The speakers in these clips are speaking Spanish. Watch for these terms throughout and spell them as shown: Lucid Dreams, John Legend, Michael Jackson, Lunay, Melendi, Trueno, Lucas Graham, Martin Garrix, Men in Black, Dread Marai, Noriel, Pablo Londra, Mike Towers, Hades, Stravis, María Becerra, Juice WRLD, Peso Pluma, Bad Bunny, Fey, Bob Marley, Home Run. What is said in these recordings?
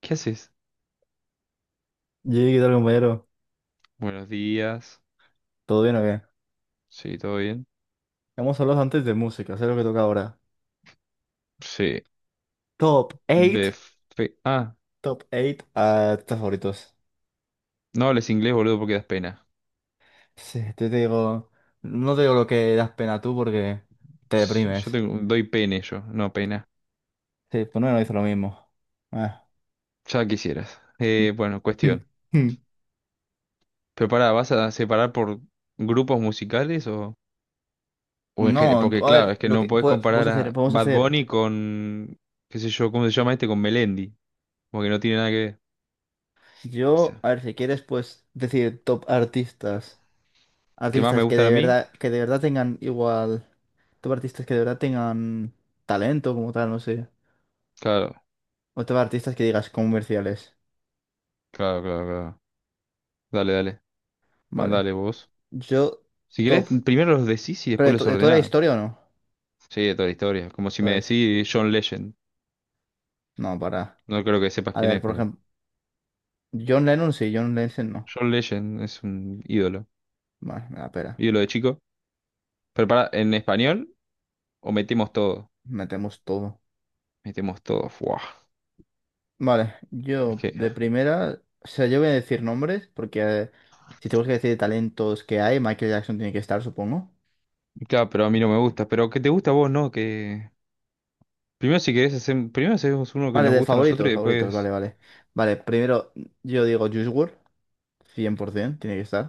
¿Qué haces? Yey, ¿qué tal, compañero? Buenos días. ¿Todo bien o qué? Sí, ¿todo bien? Hemos hablado antes de música, sé lo que toca ahora. Sí. Top De 8, Ah, top 8 artistas favoritos. no hables inglés, boludo, porque das pena. Sí, te digo, no te digo lo que das pena tú porque te S- Yo deprimes. tengo- doy pene yo, no pena. Sí, pues no, no hizo lo mismo. Ah. Ya quisieras. Bueno, cuestión. Pero pará, ¿vas a separar por grupos musicales o en general? No, tú- Porque a claro, ver, es que lo no que podés pue- podemos comparar hacer, a podemos Bad hacer. Bunny con, qué sé yo, ¿cómo se llama este? Con Melendi. Porque no tiene nada que ver. O Yo, sea, a ver, si quieres, pues decir top artistas. ¿qué más me Artistas gustan a mí? Que de verdad tengan igual. Top artistas que de verdad tengan talento como tal, no sé. Claro, O top artistas que digas comerciales. claro, claro, claro. Dale, dale. Vale. Mandale vos. Yo, Si querés, top. primero los decís y ¿Pero después de, to- los de toda la ordenás. historia o no? Sí, de toda la historia. Como si me Pues, decís John Legend. no, para. No creo que sepas A quién ver, es, por pero ejemplo, John Lennon sí, John Lennon no. John Legend es un ídolo. Vale, me da pena. Ídolo de chico. Pero pará, ¿en español o metemos todo? Metemos todo. Metemos todo. Fuah. Vale, Es yo que... de primera. O sea, yo voy a decir nombres porque si tenemos que decir talentos que hay, Michael Jackson tiene que estar, supongo. Claro, pero a mí no me gusta. Pero que te gusta a vos, ¿no? Que... Primero si querés hacer... Primero hacemos uno que Vale, nos de gusta a nosotros favoritos, y favoritos, vale, después... vale. Vale, primero yo digo Juice world, cien por 100%, tiene que estar.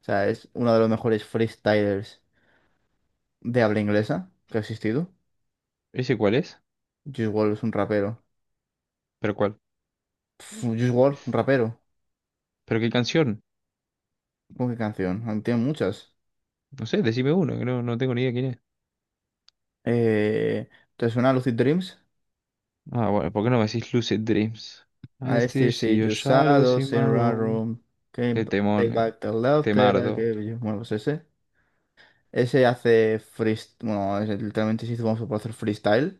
O sea, es uno de los mejores freestylers de habla inglesa que ha existido. ¿Ese cuál es? Juice WRLD es un rapero. ¿Pero cuál? Pff, Juice WRLD, un rapero. ¿Pero qué canción? ¿Con qué canción? Ah, tiene muchas. No sé, decime uno, que no, no tengo ni idea quién es. Eh, ¿Te suena Lucid Dreams? Ah, bueno, ¿por qué no me decís Lucid Dreams? I I still still see see your you shadows in shadows my in my room. room. Can't Qué b- take temón, eh. back the love that I Temardo. gave you. Bueno, pues ese. Ese hace freestyle. Bueno, es- literalmente se hizo famoso por hacer freestyle,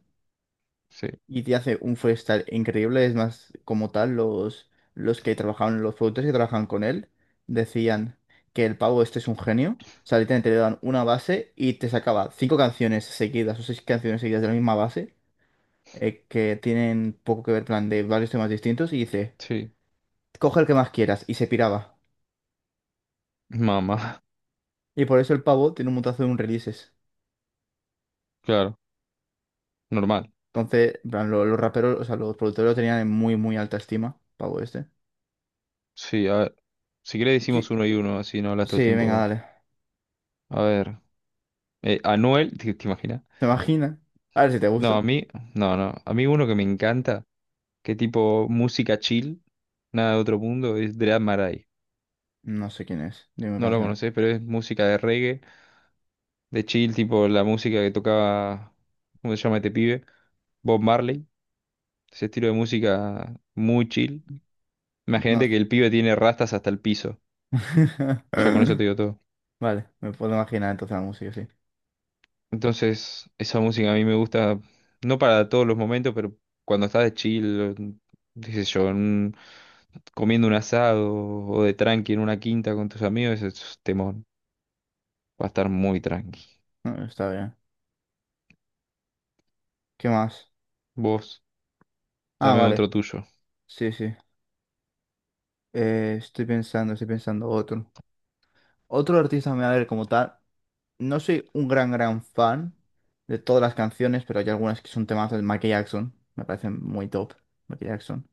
Sí, y te hace un freestyle increíble. Es más, como tal, los que trabajaban, los productores que trabajan con él, decían que el pavo este es un genio. O sea, literalmente le dan una base y te sacaba cinco canciones seguidas o seis canciones seguidas de la misma base, que tienen poco que ver, plan, de varios temas distintos, y dice, sí. coge el que más quieras, y se piraba. Mamá, Y por eso el pavo tiene un montazo de un releases. claro, normal. Entonces, en plan, lo- los raperos, o sea, los productores lo tenían en muy, muy alta estima, pavo este. Sí, a ver. Si querés Yo- decimos uno y uno, así no hablas todo el sí, tiempo venga, vos. dale. A ver. Anuel, ¿te, te imaginas? ¿Te imaginas? A ver si te No, gusta. a mí, no, no. A mí uno que me encanta, que tipo música chill, nada de otro mundo, es Dread Marai. No sé quién es. Dime No lo canción. conocés, pero es música de reggae, de chill, tipo la música que tocaba, ¿cómo se llama este pibe? Bob Marley. Ese estilo de música muy chill. No. Imagínate que el pibe tiene rastas hasta el piso. Ya con eso te digo todo. Vale, me puedo imaginar entonces la música, sí. Entonces, esa música a mí me gusta, no para todos los momentos, pero cuando estás de chill, o, qué sé yo, comiendo un asado o de tranqui en una quinta con tus amigos, ese es temón. Va a estar muy tranqui. No, está bien. ¿Qué más? Vos, Ah, dame vale. otro tuyo. Sí, sí. Estoy pensando otro. Otro artista, a ver, como tal. No soy un gran, gran fan de todas las canciones, pero hay algunas que son temas del Michael Jackson. Me parecen muy top, Michael Jackson.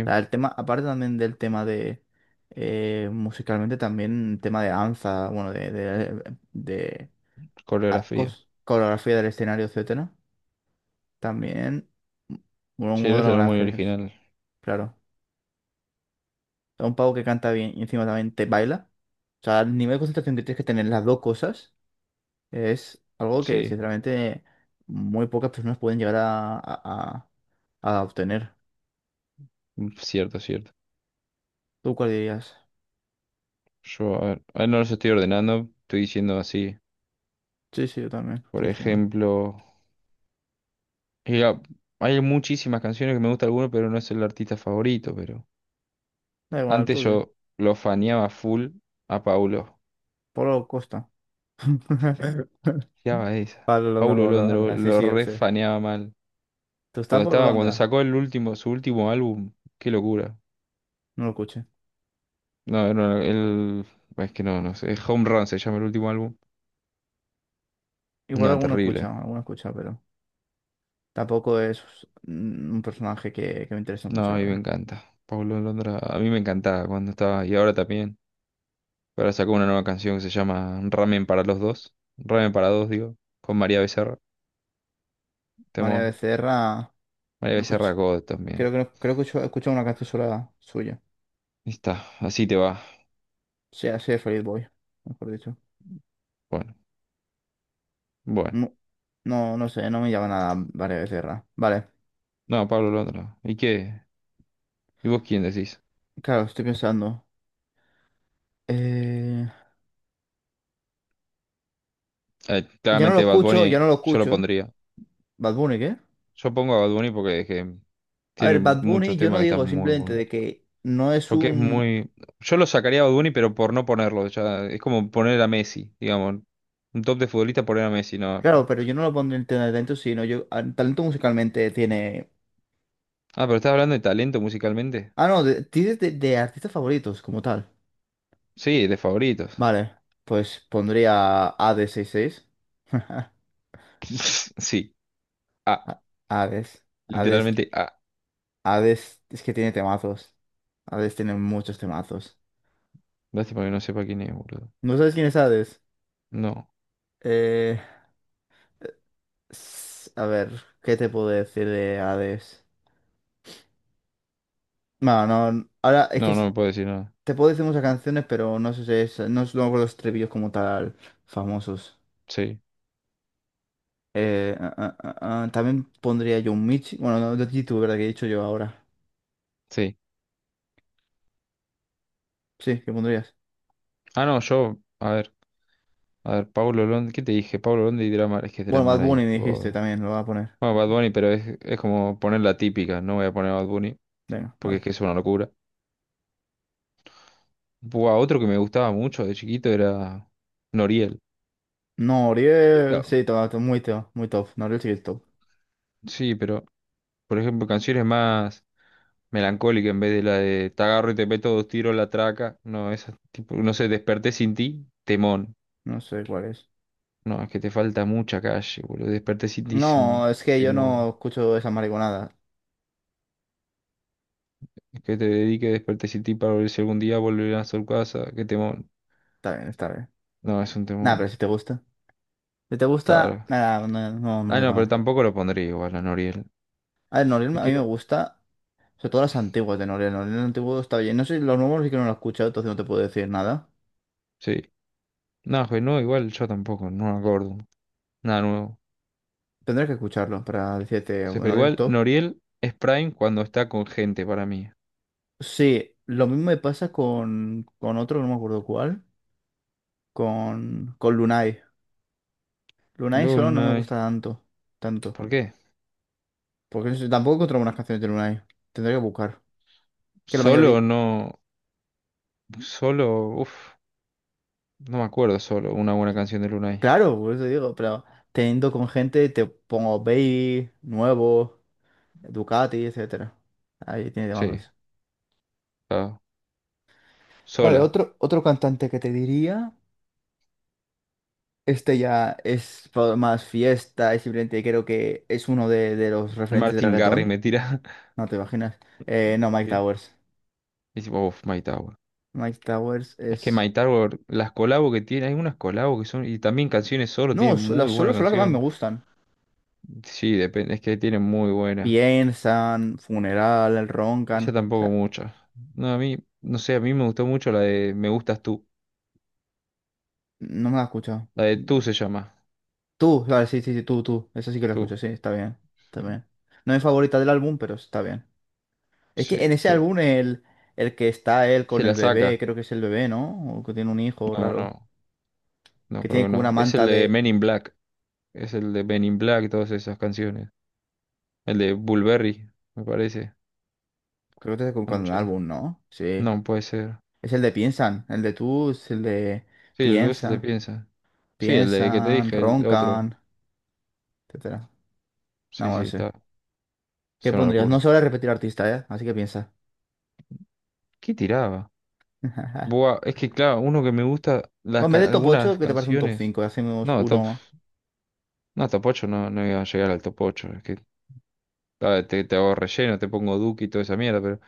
O sea, el tema, aparte también del tema de… musicalmente también el tema de danza, bueno, de Ah, coreografía. cos- coreografía del escenario, etcétera. También uno, Sí, uno de eso los era grandes muy genios, original. claro. Es un pavo que canta bien y encima también te baila. O sea, el nivel de concentración que tienes que tener en las dos cosas es algo que Sí, sinceramente muy pocas personas pueden llegar a obtener. cierto, cierto. ¿Tú cuál dirías? Yo, a ver, ahora no los estoy ordenando, estoy diciendo así. Sí, sí, yo también Por estoy diciendo. ejemplo. Y hay muchísimas canciones que me gusta alguno, pero no es el artista favorito, pero Da igual, antes tú, tío. yo lo faneaba full a Paulo. Pablo Costa. Fiaba esa. Pablo Londra, Paulo Pablo Londra, Londra. Sí, lo sí, lo sé. refaneaba mal. ¿Tú estás Cuando Pablo estaba, cuando Londra? sacó el último, su último álbum, qué locura. No lo escuché. No, era el, es que no, no sé, Home Run se llama el último álbum. Igual No, terrible. Alguno escucha, pero… tampoco es mm, un personaje que me interesa No, mucho, a la mí me verdad. encanta. Paulo Londra, a mí me encantaba cuando estaba, y ahora también. Ahora sacó una nueva canción que se llama Ramen para los dos. Ramen para dos, digo, con María Becerra. María Temón. Becerra, María no Becerra escuch- God creo también. que no- creo que he escuchado una canción sola suya. Ahí está, así te va. Sí, así de Feliz Boy, mejor dicho. Bueno, bueno. No, no, no sé, no me llama nada María Becerra. Vale, No, Pablo Londra. No. ¿Y qué? ¿Y vos quién decís? claro, estoy pensando. Eh, Yo no lo Claramente Bad escucho, yo Bunny, no lo yo lo escucho. pondría. Bad Bunny, ¿qué? Yo pongo a Bad Bunny porque es que A ver, tiene Bad muchos Bunny yo no temas que están digo muy simplemente buenos. de que no es Porque es un… muy... Yo lo sacaría a Bad Bunny, pero por no ponerlo. Ya, es como poner a Messi, digamos. Un top de futbolista poner a Messi, no. claro, pero yo no lo pondré en tema de talento, sino yo… a- talento musicalmente tiene Ah, pero estás hablando de talento musicalmente. Ah, no, de- tienes de artistas favoritos como tal. Sí, de favoritos. Vale, pues pondría AD66. Sí. Ah, A- Hades, Hades, literalmente ah. Hades es que tiene temazos. Hades tiene muchos temazos. Lástima que no sepa quién es, boludo. ¿No sabes quién es Hades? No. Eh, s- a ver, ¿qué te puedo decir de Hades? Bueno, no, n- ahora es que No, no s- me puedo decir nada. te puedo decir muchas canciones, pero no sé si es, no es luego los estribillos como tal famosos. Sí, Eh, ah, ah, también pondría yo un Michi. Bueno, no, de YouTube, ¿verdad? Que he dicho yo ahora. sí. Sí, ¿qué pondrías? Ah, no, yo, a ver, Paulo Londra, ¿qué te dije? Paulo Londra y Dramar, es que es Bueno, Bad Dramar. Bunny me dijiste Bueno, también, lo voy a poner. Bad Bunny, pero es como poner la típica, no voy a poner Bad Bunny, Venga, porque es vale. que es una locura. Buah, otro que me gustaba mucho de chiquito era Noriel. Noriel, Claro. sí, to- to- muy top, muy top. Noriel sí que es top. Sí, pero, por ejemplo, canciones más melancólicas en vez de la de Te agarro y te meto dos tiros la traca. No, esa tipo, no sé, Desperté sin ti, temón. No sé cuál es. No, es que te falta mucha calle, boludo. Desperté sin ti es No, un es que yo temón. no escucho esa mariconada. Que te dedique, despertes y ti para ver si algún día volverán a su casa. Qué temor. Está bien, está bien. No, es un Nada, temor. pero si te gusta. Si te gusta, Claro. nada, no, no, no Ah, digo no, pero nada. tampoco lo pondría igual a Noriel. A ver, Noriel Es a mí que, me no- gusta, sobre todo las antiguas de Noriel. Noriel antiguo está bien. No sé, los nuevos sí que no lo he escuchado, entonces no te puedo decir nada. Sí. No, pues no, igual yo tampoco, no me acuerdo. Nada nuevo. Tendré que escucharlo para decirte, Sí, bueno, pero el igual top. Noriel es Prime cuando está con gente para mí. Sí, lo mismo me pasa con otro, no me acuerdo cuál, con Lunay. Lunay solo no me Luna. gusta tanto, tanto. ¿Por qué? Porque no sé, tampoco encontré buenas canciones de Lunay. Tendré que buscar. Que la Solo mayoría… no. Solo. Uf. No me acuerdo solo. Una buena canción de Lunay. claro, por eso digo, pero teniendo con gente te pongo Baby, Nuevo, Ducati, etcétera. Ahí tiene Sí, temas. claro. Vale, Sola. otro, otro cantante que te diría, este ya es fa- más fiesta, y simplemente creo que es uno de los referentes de Martin Garrix reggaetón. me tira. No te imaginas. No, Mike ¿Qué? Y Towers. dice, uff, My Tower. Mike Towers Es que es. My Tower, las colabos que tiene, hay unas colabos que son, y también canciones solo, tiene No, so- muy las buena solos son las que más me canción. gustan. Sí, depende, es que tiene muy buena. Piensan, Funeral, Roncan. Ella O tampoco sea, muchas. No, a mí, no sé, a mí me gustó mucho la de Me gustas tú. no me la he escuchado. La de tú se llama. Tú, vale, sí, sí, sí, tú, tú. Esa sí que la Tú. escucho, sí, está bien. Está Sí, bien. No es mi favorita del álbum, pero está bien. Es sí, que en ese tú. álbum el que está él Se con la el bebé, saca. creo que es el bebé, ¿no? O que tiene un hijo No, raro. no, no Que creo tiene que como una no. Es el manta de de. Men in Black. Es el de Men in Black, todas esas canciones. El de Bulberry, me parece. Creo que es con el Anoche. álbum, ¿no? Sí. No, puede ser. Es el de Piensan. El de tú es el de Sí, el dulce el de Piensa. piensa. Sí, el de que te Piensan, dije, el otro. roncan, etcétera. No, Sí, sí, bueno, sí. está. ¿Qué Es una pondrías? No se locura. vale repetir artista, ¿eh? Así que piensa. ¿Qué tiraba? Buah, es que claro, uno que me gusta, Bueno, las en vez ca- de top 8 algunas ¿qué te parece un top canciones. 5? Hacemos No, top. uno. No, top 8 no, no iba a llegar al top ocho. Es que te hago relleno, te pongo Duki y toda esa mierda, pero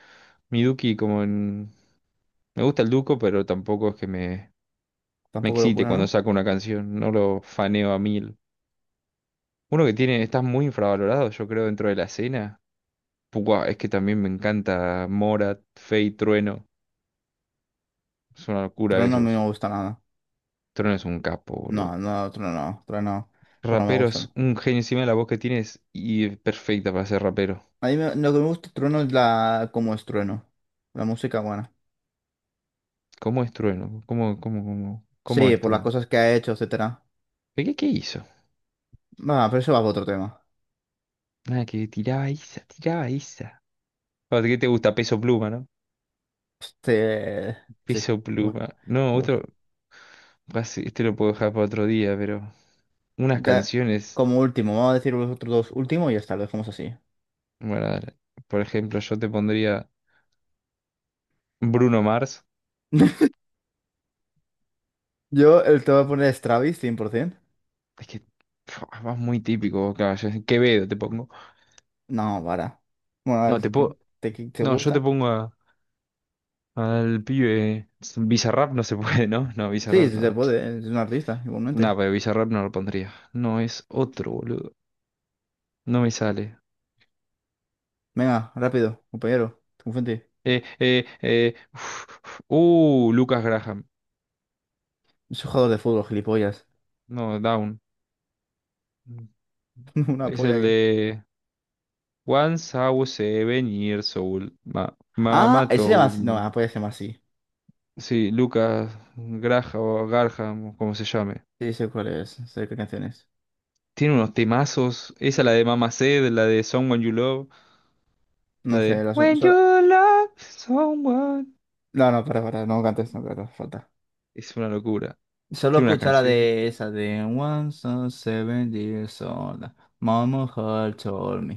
mi Duki como en. Me gusta el Duco, pero tampoco es que me Tampoco excite locura, cuando ¿no? saco una canción. No lo faneo a mil. Uno que tiene, está muy infravalorado, yo creo, dentro de la escena. Buah, es que también me encanta Morat, Fey, Trueno. Es una locura Trueno a mí no me esos. gusta nada. Trueno es un capo, boludo. No, no, Trueno no. Trueno, Trueno no me Rapero gusta. es un genio encima de la voz que tienes y es perfecta para ser rapero. A mí me- lo que me gusta de Trueno es la… cómo es Trueno. La música buena. ¿Cómo es Trueno? ¿Cómo Sí, es por las Trueno? cosas que ha hecho, etcétera. ¿Qué hizo? Va, pero eso va para otro tema. Nada, que tiraba esa, tiraba esa. Ah, ¿qué te gusta? Peso Pluma, ¿no? Este… sí. Peso Bueno, Pluma. No, bueno. otro. Así, este lo puedo dejar para otro día, pero. Unas Ya, canciones. como último, vamos a decir los otros dos últimos y ya está, lo dejamos así. Bueno, dale. Por ejemplo, yo te pondría Bruno Mars. Yo el te voy a poner Stravis cien por 100%. Es que. Vas muy típico, vos, claro. Quevedo te pongo. No, para. Bueno, a No, ver si te que puedo. te, que te No, yo te gusta. pongo a Al pibe. Bizarrap no se puede, ¿no? No, Sí, Bizarrap sí se no. puede, es un artista, No, igualmente. pero Bizarrap no lo pondría. No, es otro, boludo. No me sale. Venga, rápido, compañero. Confente. Eh. uf, uf. Lucas Graham. Es un jugador de fútbol, gilipollas. No, Down. Una Es polla el que. de Once I was seven years old. Ma Ah, Mama ese se llama told así. No, la me. polla se llama así. Sí, Lucas Graham, o Garham, o como se llame. Sí, sé cuál es, sé qué canción es. Tiene unos temazos. Esa la de Mama Said, la de Someone You Love, la No sé, de la sol- When You solo- Love Someone. no, no, para, no cantes, no cantes, falta. Es una locura. Solo Tiene unas escuchar la canciones. de esa de One son seven years old. Mama had told me.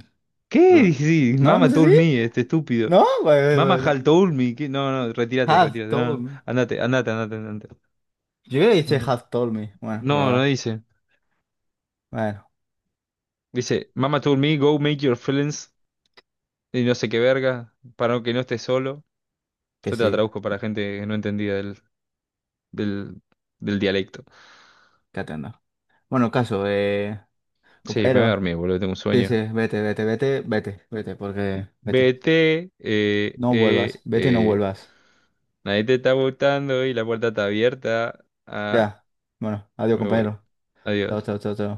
¿Qué? Sí, No, no Mama sé si. told me, este estúpido. ¿No? Vale, vale, Mama vale, no. had told me. No, no, retírate, Have retírate. No, told no. me. Andate, andate, andate, andate. Yo creo que dice No. have told me. Bueno, pero No, no va. dice. Bueno, Dice, Mama told me, go make your friends. Y no sé qué verga. Para no, que no estés solo. que Yo te la sí, traduzco para gente que no entendía del, del dialecto. que atenda. Bueno, caso, Sí, me voy a compañero. dormir, boludo, tengo un Sí, sí, sueño. vete, vete, vete, vete, vete, porque vete. Vete, eh, No vuelvas, eh, vete y no eh. vuelvas. Nadie te está gustando y la puerta está abierta. Ah, Ya. Bueno, adiós, me voy. compañero. Chao, Adiós. chao, chao, chao.